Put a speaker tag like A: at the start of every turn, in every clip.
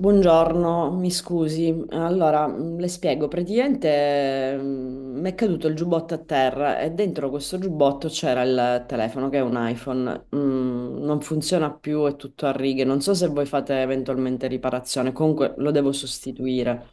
A: Buongiorno, mi scusi. Allora, le spiego, praticamente mi è caduto il giubbotto a terra e dentro questo giubbotto c'era il telefono che è un iPhone. Non funziona più, è tutto a righe. Non so se voi fate eventualmente riparazione, comunque lo devo sostituire.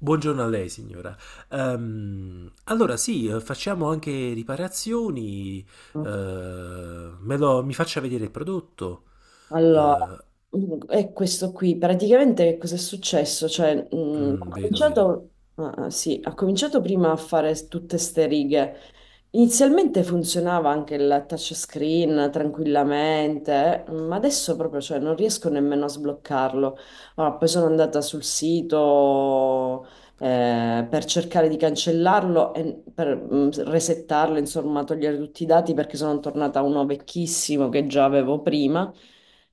B: Buongiorno a lei, signora. Allora, sì, facciamo anche riparazioni. Mi faccia vedere il prodotto.
A: Allora,
B: Eh,
A: è questo qui. Praticamente che cosa è successo? Cioè,
B: Vedo, vedo.
A: sì, ho cominciato prima a fare tutte ste righe. Inizialmente funzionava anche il touchscreen tranquillamente, ma adesso proprio, cioè, non riesco nemmeno a sbloccarlo. Allora, poi sono andata sul sito, per cercare di cancellarlo e per resettarlo, insomma, togliere tutti i dati perché sono tornata a uno vecchissimo che già avevo prima,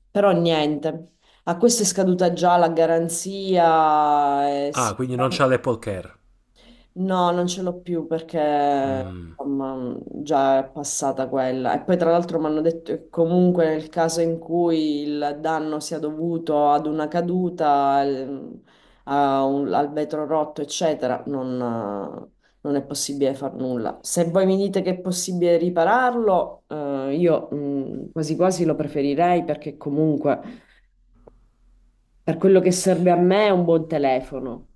A: però niente. A questo è scaduta già la garanzia,
B: Ah,
A: sì.
B: quindi non c'ha l'Apple Care.
A: No, non ce l'ho più perché
B: Mm.
A: insomma, già è passata quella. E poi tra l'altro mi hanno detto che comunque nel caso in cui il danno sia dovuto ad una caduta, al vetro rotto, eccetera, non è possibile far nulla. Se voi mi dite che è possibile ripararlo, io quasi quasi lo preferirei perché comunque per quello che serve a me è un buon telefono.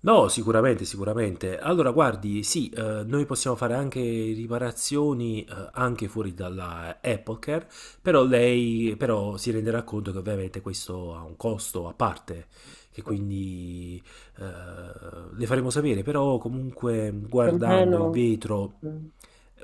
B: No, sicuramente, sicuramente. Allora, guardi, sì, noi possiamo fare anche riparazioni anche fuori dalla Apple Care, però lei però si renderà conto che ovviamente questo ha un costo a parte, che
A: Sì.
B: quindi eh, le faremo sapere, però comunque
A: Più o
B: guardando il
A: meno.
B: vetro
A: Mm.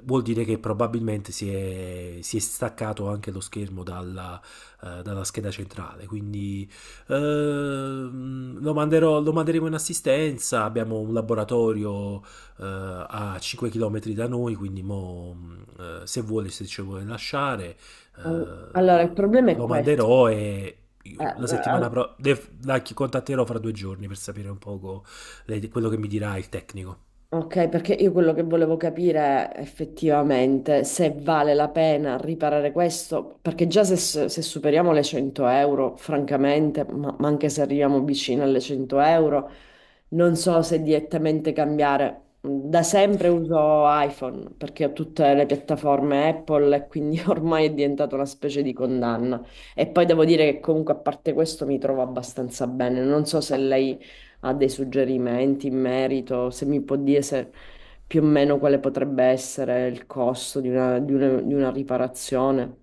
B: vuol dire che probabilmente si è staccato anche lo schermo dalla, dalla scheda centrale, quindi lo manderemo in assistenza. Abbiamo un laboratorio a 5 km da noi, quindi se vuole, se ci vuole lasciare, eh,
A: Allora, il problema è
B: lo
A: questo.
B: manderò e
A: Eh,
B: la settimana
A: eh,
B: prossima contatterò fra 2 giorni per sapere un poco quello che mi dirà il tecnico.
A: ok, perché io quello che volevo capire è effettivamente se vale la pena riparare questo, perché già se, se superiamo le 100 euro, francamente, ma anche se arriviamo vicino alle 100 euro, non so se direttamente cambiare. Da sempre uso iPhone perché ho tutte le piattaforme Apple e quindi ormai è diventata una specie di condanna. E poi devo dire che comunque a parte questo mi trovo abbastanza bene. Non so se lei ha dei suggerimenti in merito, se mi può dire se più o meno quale potrebbe essere il costo di una, di una riparazione.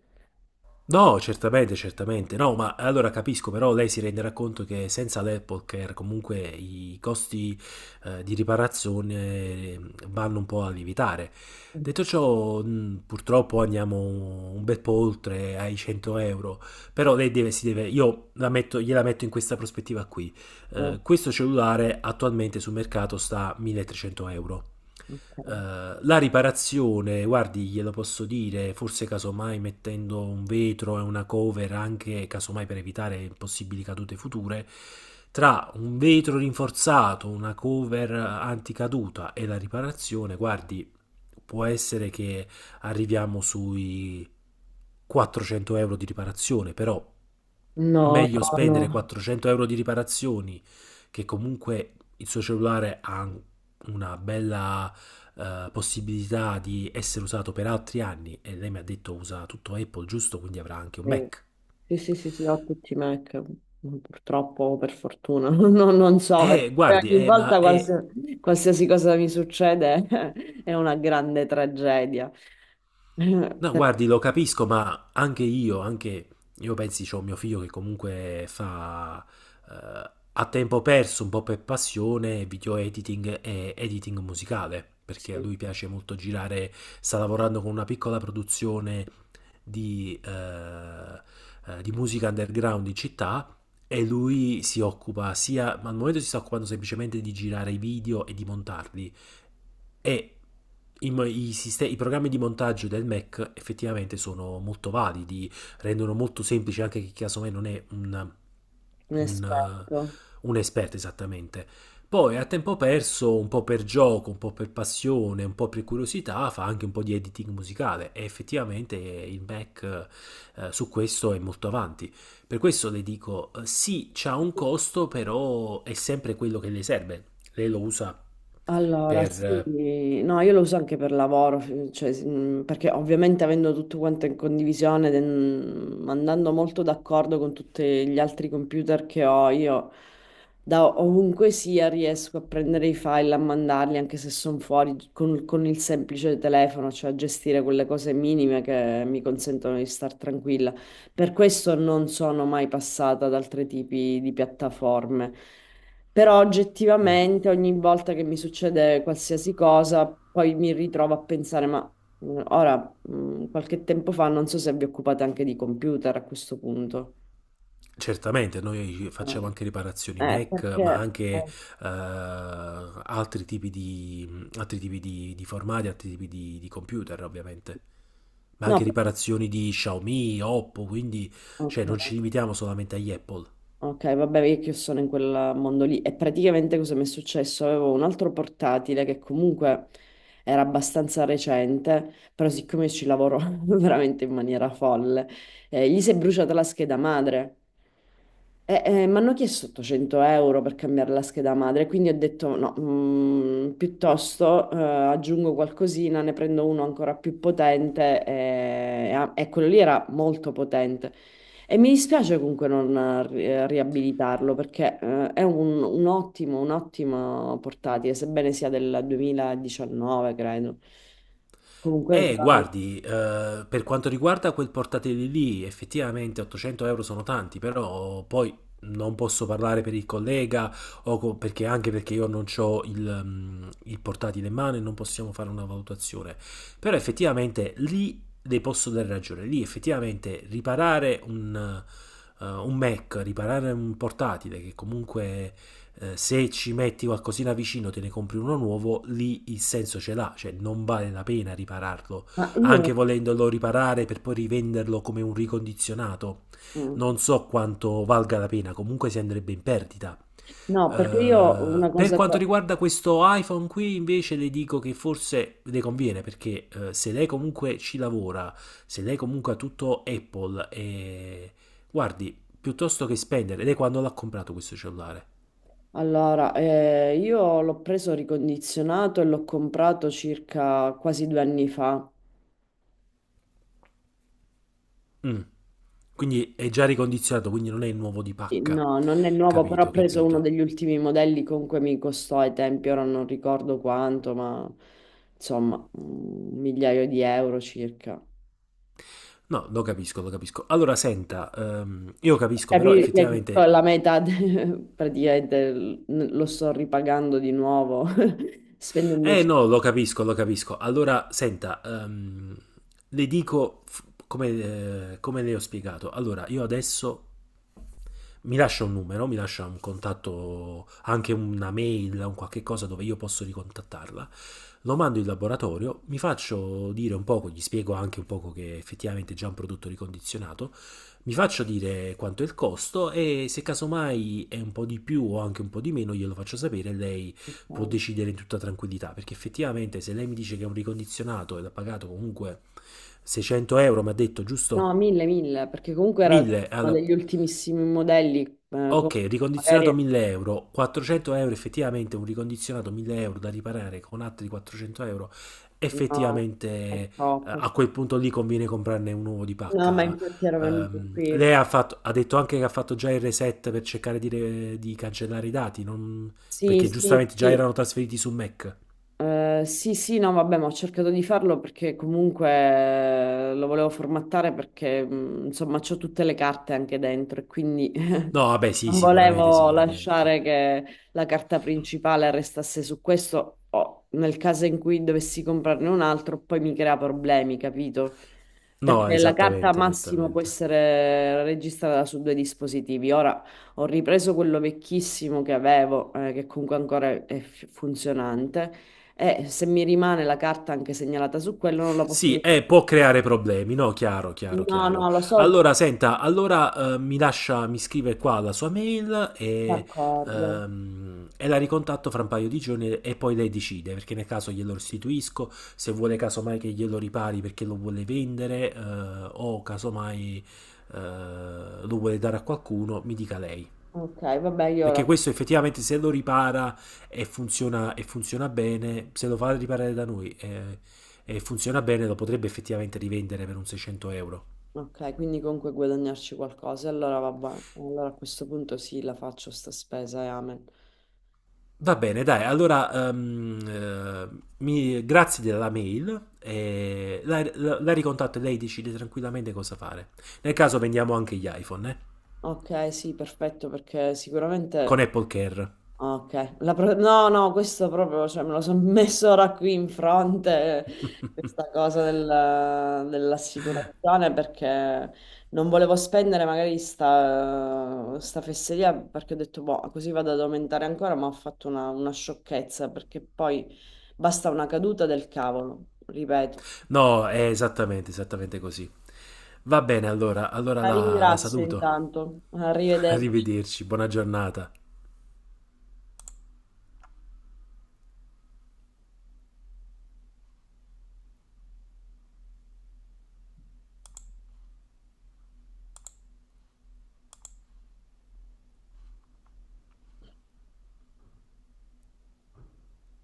B: No, certamente, certamente. No, ma allora capisco, però lei si renderà conto che senza l'Apple Care comunque i costi di riparazione vanno un po' a lievitare.
A: Mm.
B: Detto ciò, purtroppo andiamo un bel po' oltre ai 100 euro, però si deve, gliela metto in questa prospettiva qui.
A: Eh,
B: Questo cellulare attualmente sul mercato sta a 1300 euro. La riparazione, guardi, glielo posso dire, forse casomai mettendo un vetro e una cover anche, casomai per evitare possibili cadute future, tra un vetro rinforzato, una cover anticaduta e la riparazione, guardi, può essere che arriviamo sui 400 euro di riparazione, però
A: No,
B: meglio
A: no, no.
B: spendere 400 euro di riparazioni, che comunque il suo cellulare ha una bella possibilità di essere usato per altri anni, e lei mi ha detto usa tutto Apple, giusto, quindi avrà anche un
A: Sì,
B: Mac.
A: sì, sì, sì, sì, ho tutti i Mac, purtroppo, o per fortuna. No, non so perché
B: Guardi,
A: ogni volta
B: ma è
A: qualsiasi cosa mi succede è una grande tragedia.
B: No,
A: Perché.
B: guardi, lo capisco, ma anche io pensi, c'ho mio figlio che comunque fa a tempo perso, un po' per passione, video editing e editing musicale, perché a
A: Sì,
B: lui piace molto girare, sta lavorando con una piccola produzione di, eh, di musica underground in città e lui si occupa sia, ma al momento si sta occupando semplicemente di girare i video e di montarli e i, mo- i siste- i programmi di montaggio del Mac effettivamente sono molto validi, rendono molto semplice anche chi casomai non è
A: mi
B: un,
A: aspetto.
B: un esperto esattamente. Poi a tempo perso, un po' per gioco, un po' per passione, un po' per curiosità, fa anche un po' di editing musicale e effettivamente il Mac su questo è molto avanti. Per questo le dico, sì, c'ha un costo, però è sempre quello che le serve. Lei lo usa
A: Allora,
B: per...
A: sì, no, io lo uso anche per lavoro, cioè, perché ovviamente avendo tutto quanto in condivisione, ed, andando molto d'accordo con tutti gli altri computer che ho, io da ovunque sia riesco a prendere i file, a mandarli, anche se sono fuori, con il semplice telefono, cioè a gestire quelle cose minime che mi consentono di star tranquilla. Per questo non sono mai passata ad altri tipi di piattaforme. Però
B: mm,
A: oggettivamente ogni volta che mi succede qualsiasi cosa, poi mi ritrovo a pensare, ma ora, qualche tempo fa, non so se vi occupate anche di computer a questo punto.
B: Certamente, noi facciamo anche riparazioni
A: Ah,
B: Mac, ma
A: perché.
B: anche altri tipi di formati, altri tipi di computer, ovviamente. Ma
A: No,
B: anche riparazioni di Xiaomi, Oppo, quindi
A: ok.
B: non ci limitiamo solamente agli Apple.
A: Ok, vabbè, io che sono in quel mondo lì. E praticamente cosa mi è successo? Avevo un altro portatile che comunque era abbastanza recente, però siccome io ci lavoro veramente in maniera folle, gli si è bruciata la scheda madre. E, mi hanno chiesto 800 euro per cambiare la scheda madre, quindi ho detto no, piuttosto aggiungo qualcosina, ne prendo uno ancora più potente e, e quello lì era molto potente. E mi dispiace comunque non riabilitarlo perché è un ottimo, un'ottima portatile, sebbene sia del 2019, credo. Comunque ancora no.
B: Per quanto riguarda quel portatile lì, effettivamente 800 euro sono tanti, però poi non posso parlare per il collega, anche perché io non ho il portatile in mano e non possiamo fare una valutazione. Però effettivamente lì le posso dare ragione, lì effettivamente riparare un Mac, riparare un portatile che comunque se ci metti qualcosina vicino, te ne compri uno nuovo, lì il senso ce l'ha, cioè non vale la pena ripararlo,
A: Ma io
B: anche volendolo riparare per poi rivenderlo come un ricondizionato. Non
A: mm,
B: so quanto valga la pena, comunque si andrebbe in perdita.
A: no, perché io una
B: Per
A: cosa
B: quanto
A: che-.
B: riguarda questo iPhone qui invece le dico che forse le conviene perché se lei comunque ci lavora, se lei comunque ha tutto Apple e guardi, piuttosto che spendere, lei quando l'ha comprato questo cellulare?
A: Allora, io l'ho preso ricondizionato e l'ho comprato circa quasi 2 anni fa.
B: Mm. Quindi è già ricondizionato, quindi non è il nuovo di
A: Sì.
B: pacca.
A: No, non è nuovo, però ho
B: Capito,
A: preso uno
B: capito.
A: degli ultimi modelli, comunque mi costò ai tempi, ora non ricordo quanto, ma insomma, un migliaio di euro circa.
B: No, lo capisco, lo capisco. Allora, senta, io capisco, però
A: Capire che con
B: effettivamente
A: la metà praticamente lo sto ripagando di nuovo, spendendo.
B: Eh no, Lo capisco, lo capisco. Allora, senta, le dico f- come, come le ho spiegato. Allora, io adesso mi lascia un numero, mi lascia un contatto, anche una mail, un qualche cosa dove io posso ricontattarla. Lo mando in laboratorio, mi faccio dire un poco, gli spiego anche un poco che effettivamente è già un prodotto ricondizionato, mi faccio dire quanto è il costo e se casomai è un po' di più o anche un po' di meno glielo faccio sapere, lei può decidere in tutta tranquillità, perché effettivamente se lei mi dice che è un ricondizionato ed ha pagato comunque 600 euro, mi ha detto,
A: No,
B: giusto?
A: 1.000, 1.000, perché comunque era
B: 1000,
A: uno
B: alla...
A: degli ultimissimi modelli,
B: Ok,
A: magari
B: ricondizionato 1000 euro, 400 euro effettivamente un ricondizionato 1000 euro da riparare con altri 400 euro,
A: no,
B: effettivamente
A: è troppo.
B: a quel punto lì conviene comprarne un uovo di
A: No, ma
B: pacca.
A: infatti ero venuto qui.
B: Lei ha detto anche che ha fatto già il reset per cercare di cancellare i dati,
A: Sì,
B: perché
A: sì,
B: giustamente già
A: sì.
B: erano trasferiti su Mac.
A: Sì, sì, no, vabbè, ma ho cercato di farlo perché comunque lo volevo formattare perché insomma c'ho tutte le carte anche dentro e quindi
B: No, vabbè, sì,
A: non
B: sicuramente,
A: volevo
B: sicuramente.
A: lasciare che la carta principale restasse su questo, o nel caso in cui dovessi comprarne un altro, poi mi crea problemi, capito?
B: No,
A: Perché la carta
B: esattamente,
A: massimo può
B: esattamente.
A: essere registrata su due dispositivi. Ora ho ripreso quello vecchissimo che avevo, che comunque ancora è funzionante, e se mi rimane la carta anche segnalata su quello, non la
B: Sì,
A: posso.
B: può creare problemi, no? Chiaro, chiaro,
A: No,
B: chiaro.
A: no, lo so, il
B: Allora, senta, allora mi scrive qua la sua mail
A: d'accordo.
B: e la ricontatto fra un paio di giorni e poi lei decide, perché nel caso glielo restituisco, se vuole casomai che glielo ripari perché lo vuole vendere o casomai eh, lo vuole dare a qualcuno, mi dica lei.
A: Ok, vabbè, io
B: Perché
A: ora.
B: questo effettivamente se lo ripara e funziona bene, se lo fa riparare da e funziona bene, lo potrebbe effettivamente rivendere per un 600 euro.
A: Ok, quindi comunque guadagnarci qualcosa. Allora vabbè, allora a questo punto sì, la faccio sta spesa e amen.
B: Va bene, dai, allora grazie della mail, la ricontatto e lei decide tranquillamente cosa fare. Nel caso vendiamo anche gli iPhone, eh?
A: Ok, sì, perfetto, perché
B: Con
A: sicuramente.
B: Apple Care.
A: Ok. No, no, questo proprio, cioè, me lo sono messo ora qui in fronte, questa cosa dell'assicurazione, perché non volevo spendere magari sta fesseria, perché ho detto, boh, così vado ad aumentare ancora, ma ho fatto una sciocchezza, perché poi basta una caduta del cavolo, ripeto.
B: No, è esattamente, esattamente così. Va bene, allora,
A: La
B: la
A: ringrazio
B: saluto.
A: intanto, arrivederci.
B: Arrivederci, buona giornata.